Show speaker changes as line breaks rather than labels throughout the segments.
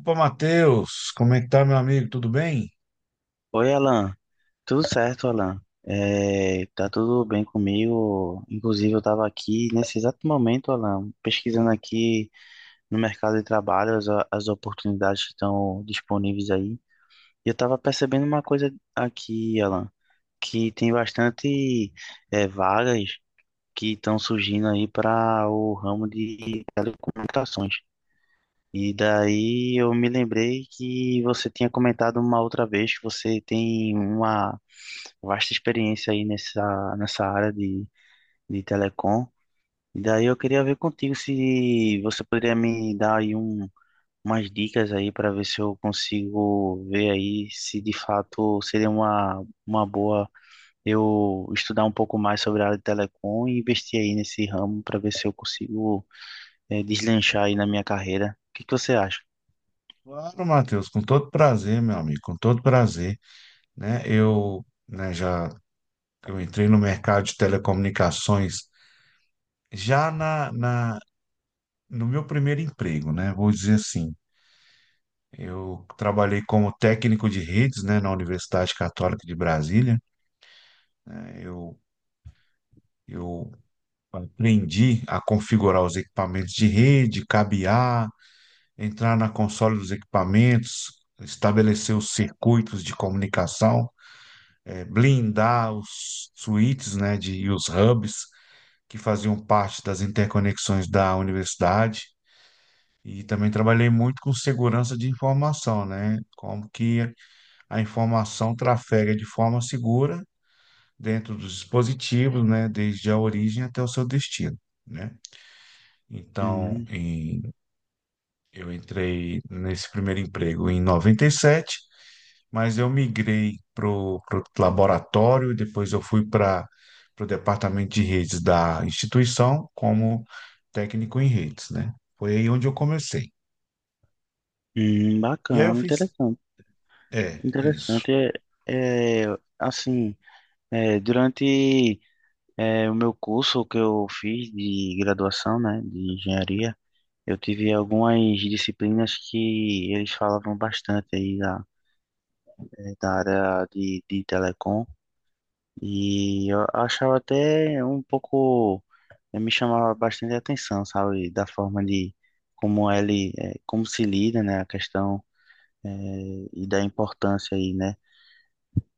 Opa, Matheus, como é que tá, meu amigo? Tudo bem?
Oi, Alan. Tudo certo, Alan? Tá tudo bem comigo. Inclusive, eu estava aqui nesse exato momento, Alan, pesquisando aqui no mercado de trabalho as oportunidades que estão disponíveis aí. E eu estava percebendo uma coisa aqui, Alan, que tem bastante vagas que estão surgindo aí para o ramo de telecomunicações. E daí eu me lembrei que você tinha comentado uma outra vez que você tem uma vasta experiência aí nessa área de telecom. E daí eu queria ver contigo se você poderia me dar aí umas dicas aí para ver se eu consigo ver aí se de fato seria uma boa eu estudar um pouco mais sobre a área de telecom e investir aí nesse ramo para ver se eu consigo deslanchar aí na minha carreira. O que que você acha?
Claro, Matheus, com todo prazer, meu amigo, com todo prazer, né? Eu, né, já eu entrei no mercado de telecomunicações já na, na no meu primeiro emprego, né? Vou dizer assim, eu trabalhei como técnico de redes, né, na Universidade Católica de Brasília, né? Eu aprendi a configurar os equipamentos de rede, cabear entrar na console dos equipamentos, estabelecer os circuitos de comunicação, blindar os switches, né, de, e os hubs que faziam parte das interconexões da universidade. E também trabalhei muito com segurança de informação, né? Como que a informação trafega de forma segura dentro dos dispositivos, né? Desde a origem até o seu destino, né? Então,
Hum,
em- eu entrei nesse primeiro emprego em noventa e sete, mas eu migrei para o laboratório, depois eu fui para o departamento de redes da instituição como técnico em redes, né? Foi aí onde eu comecei. E aí eu
bacana,
fiz,
interessante.
é, isso,
Interessante. É, é, assim, é, durante o meu curso que eu fiz de graduação, né, de engenharia, eu tive algumas disciplinas que eles falavam bastante aí da, da área de telecom e eu achava até um pouco, me chamava bastante atenção, sabe, da forma de como ele, como se lida, né, a questão e da importância aí, né.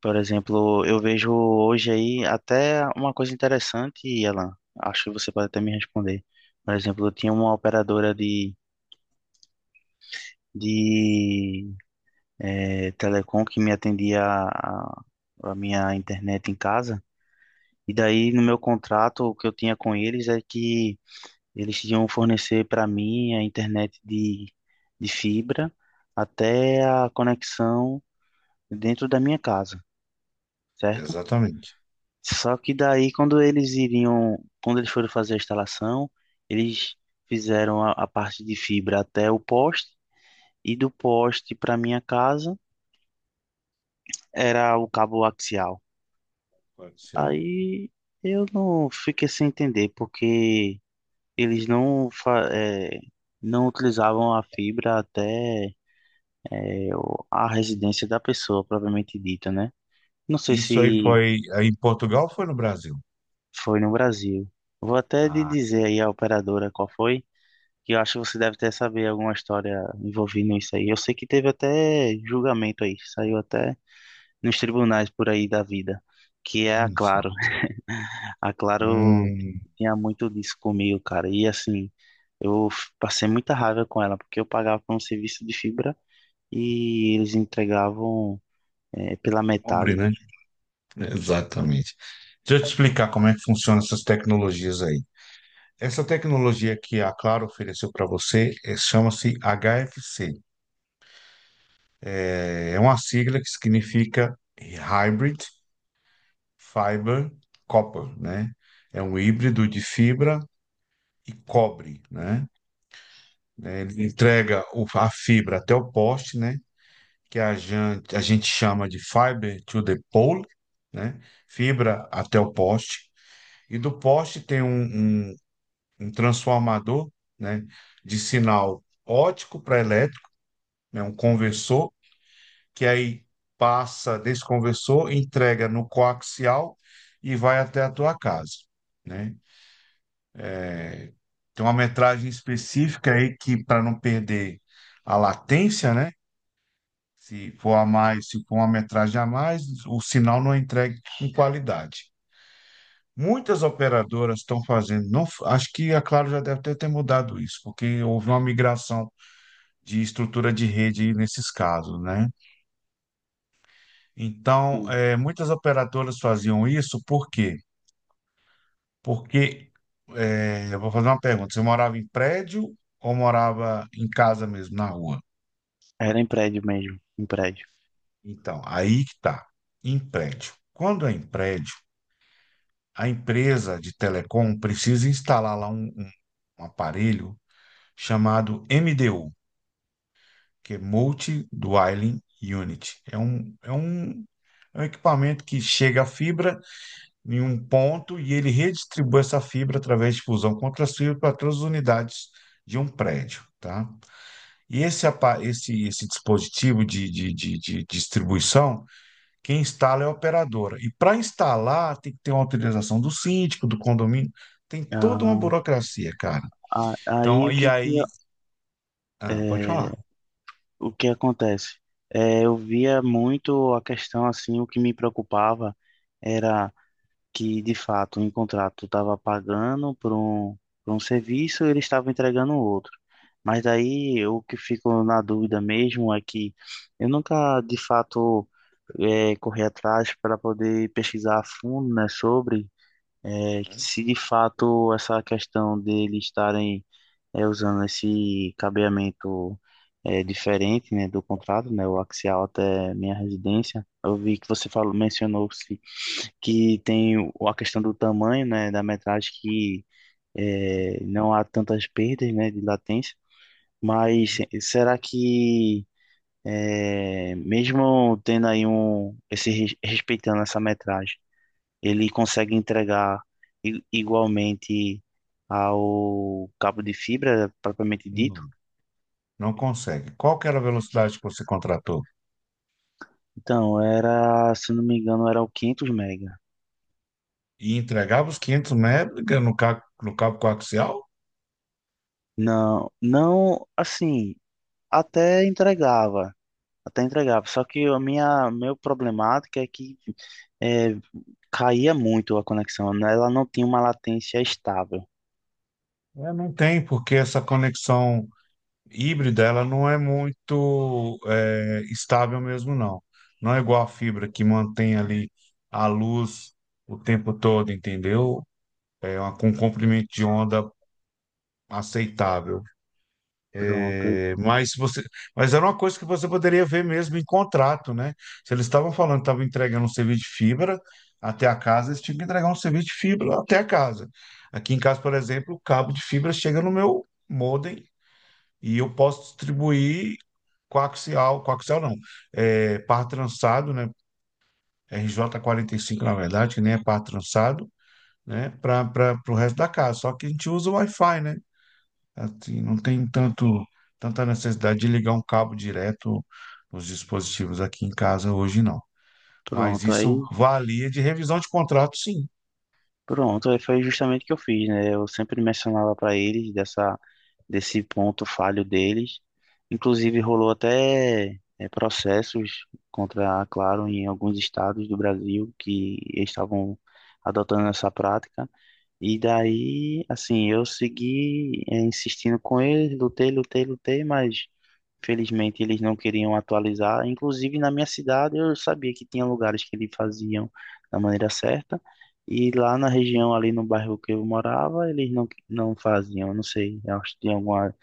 Por exemplo, eu vejo hoje aí até uma coisa interessante, Alan. Acho que você pode até me responder. Por exemplo, eu tinha uma operadora de telecom que me atendia a minha internet em casa. E daí, no meu contrato, o que eu tinha com eles é que eles iam fornecer para mim a internet de fibra até a conexão dentro da minha casa, certo?
exatamente.
Só que daí, quando quando eles foram fazer a instalação, eles fizeram a parte de fibra até o poste e do poste para minha casa era o cabo axial.
Comercial.
Aí eu não fiquei sem entender porque eles não utilizavam a fibra até a residência da pessoa, propriamente dita, né? Não sei
Isso aí
se
foi aí em Portugal ou foi no Brasil?
foi no Brasil. Vou até de
Ah,
dizer aí a operadora qual foi. Que eu acho que você deve até saber alguma história envolvendo isso aí. Eu sei que teve até julgamento aí, saiu até nos tribunais por aí da vida, que é a
olha só.
Claro. A Claro
Hum,
tinha muito disso comigo, cara. E assim, passei muita raiva com ela, porque eu pagava por um serviço de fibra e eles entregavam pela
pobre,
metade,
né?
né?
Exatamente. Deixa eu te explicar como é que funcionam essas tecnologias aí. Essa tecnologia que a Claro ofereceu para você chama-se HFC. É uma sigla que significa Hybrid Fiber Copper, né? É um híbrido de fibra e cobre, né? Ele entrega a fibra até o poste, né? Que a gente chama de fiber to the pole, né? Fibra até o poste. E do poste tem um transformador, né? De sinal óptico para elétrico, né? Um conversor que aí passa, desconversou, entrega no coaxial e vai até a tua casa, né? Tem uma metragem específica aí que para não perder a latência, né? Se for a mais, se for uma metragem a mais, o sinal não é entregue com qualidade. Muitas operadoras estão fazendo, não, acho que a Claro já deve ter mudado isso, porque houve uma migração de estrutura de rede nesses casos, né? Então,
Sim.
muitas operadoras faziam isso porque Porque, é, eu vou fazer uma pergunta. Você morava em prédio ou morava em casa mesmo, na rua?
Era em prédio mesmo, em prédio.
Então, aí que tá. Em prédio. Quando é em prédio, a empresa de telecom precisa instalar lá um aparelho chamado MDU, que é Multi Dwelling Unit. É um equipamento que chega a fibra em um ponto e ele redistribui essa fibra através de fusão contra as fibras para todas as unidades de um prédio, tá? E esse dispositivo de distribuição, quem instala é a operadora. E para instalar, tem que ter uma autorização do síndico, do condomínio, tem toda uma
Ah,
burocracia, cara.
a- aí
Então,
o
e
que que...
aí.
eu-
Ah, pode falar.
é, O que acontece? Eu via muito a questão assim, o que me preocupava era que, de fato, em contrato estava pagando por por um serviço e ele estava entregando outro. Mas daí o que fico na dúvida mesmo é que eu nunca, de fato, corri atrás para poder pesquisar a fundo, né, sobre
Uhum,
se de fato essa questão deles estarem usando esse cabeamento diferente, né, do contrato, né, o axial até minha residência. Eu vi que você falou, mencionou-se que tem a questão do tamanho, né, da metragem que
uhum,
não há tantas perdas, né, de latência. Mas
uhum.
será que mesmo tendo aí um respeitando essa metragem, ele consegue entregar igualmente ao cabo de fibra propriamente dito?
Não, não consegue. Qual que era a velocidade que você contratou?
Então, era, se não me engano, era o 500 mega.
E entregava os 500 mega no cabo coaxial?
Não, não, assim, até entregava, até entregava. Só que meu problemática é que é, caía muito a conexão, né? Ela não tinha uma latência estável.
É, não tem, porque essa conexão híbrida, ela não é muito estável mesmo, não. Não é igual a fibra que mantém ali a luz o tempo todo, entendeu? É uma, com um comprimento de onda aceitável.
Pronto,
É, mas você, mas era uma coisa que você poderia ver mesmo em contrato, né? Se eles estavam falando, que estavam entregando um serviço de fibra até a casa, eles tinham que entregar um serviço de fibra até a casa. Aqui em casa, por exemplo, o cabo de fibra chega no meu modem e eu posso distribuir coaxial, coaxial não, par trançado, né? RJ5 na verdade, que nem é par trançado, né? Para o resto da casa. Só que a gente usa o Wi-Fi, né? Assim, não tem tanta necessidade de ligar um cabo direto nos dispositivos aqui em casa hoje, não. Mas
pronto,
isso
aí,
valia de revisão de contrato, sim.
Pronto, aí foi justamente o que eu fiz, né? Eu sempre mencionava para eles dessa desse ponto falho deles. Inclusive, rolou até processos contra a Claro em alguns estados do Brasil que estavam adotando essa prática. E daí, assim, eu segui insistindo com eles, lutei, lutei, lutei, mas felizmente eles não queriam atualizar. Inclusive na minha cidade eu sabia que tinha lugares que eles faziam da maneira certa, e lá na região, ali no bairro que eu morava, eles não faziam. Eu não sei, eu acho que tinha alguma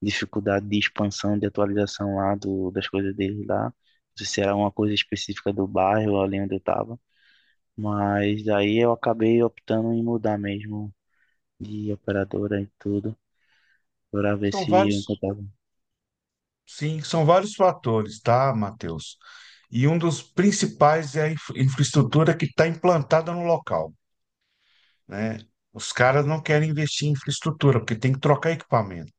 dificuldade de expansão, de atualização lá das coisas deles lá. Não sei se era uma coisa específica do bairro ali onde eu estava. Mas aí eu acabei optando em mudar mesmo de operadora e tudo, para ver
São
se eu
vários,
encontrava.
Sim, são vários fatores, tá, Matheus? E um dos principais é a infraestrutura que está implantada no local, né? Os caras não querem investir em infraestrutura, porque tem que trocar equipamento.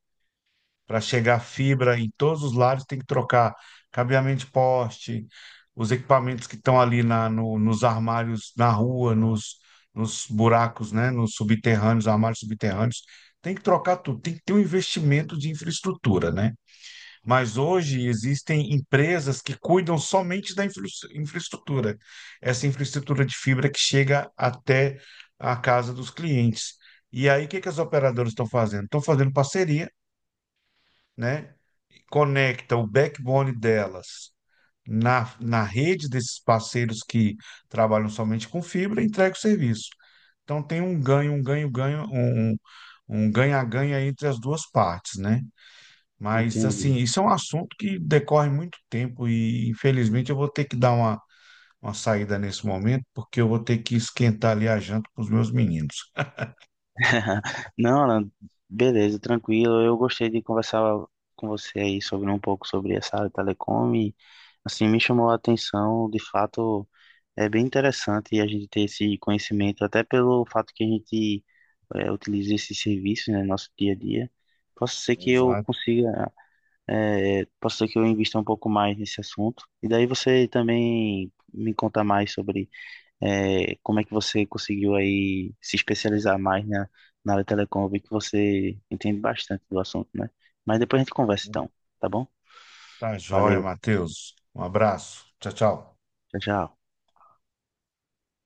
Para chegar fibra em todos os lados, tem que trocar cabeamento de poste, os equipamentos que estão ali na, no- nos armários na rua, nos buracos, né? Nos subterrâneos, armários subterrâneos. Tem que trocar tudo, tem que ter um investimento de infraestrutura, né? Mas hoje existem empresas que cuidam somente da infraestrutura, essa infraestrutura de fibra que chega até a casa dos clientes. E aí, o que que as operadoras estão fazendo? Estão fazendo parceria, né? Conecta o backbone delas na rede desses parceiros que trabalham somente com fibra e entrega o serviço. Então, tem um ganho, ganho, um, um um ganha-ganha entre as duas partes, né? Mas,
Entendi.
assim, isso é um assunto que decorre muito tempo e, infelizmente, eu vou ter que dar uma saída nesse momento, porque eu vou ter que esquentar ali a janta para os meus meninos.
Não, Alan, beleza, tranquilo. Eu gostei de conversar com você aí sobre um pouco sobre essa área de telecom e, assim, me chamou a atenção. De fato, é bem interessante a gente ter esse conhecimento, até pelo fato que a gente utiliza esses serviços, né, no nosso dia a dia. Posso ser que eu
Exato.
consiga, posso ser que eu invista um pouco mais nesse assunto. E daí você também me conta mais sobre como é que você conseguiu aí se especializar mais na área telecom? Eu vi que você entende bastante do assunto, né? Mas depois a gente conversa então, tá bom?
Tá joia,
Valeu,
Matheus. Um abraço. Tchau, tchau.
tchau, tchau.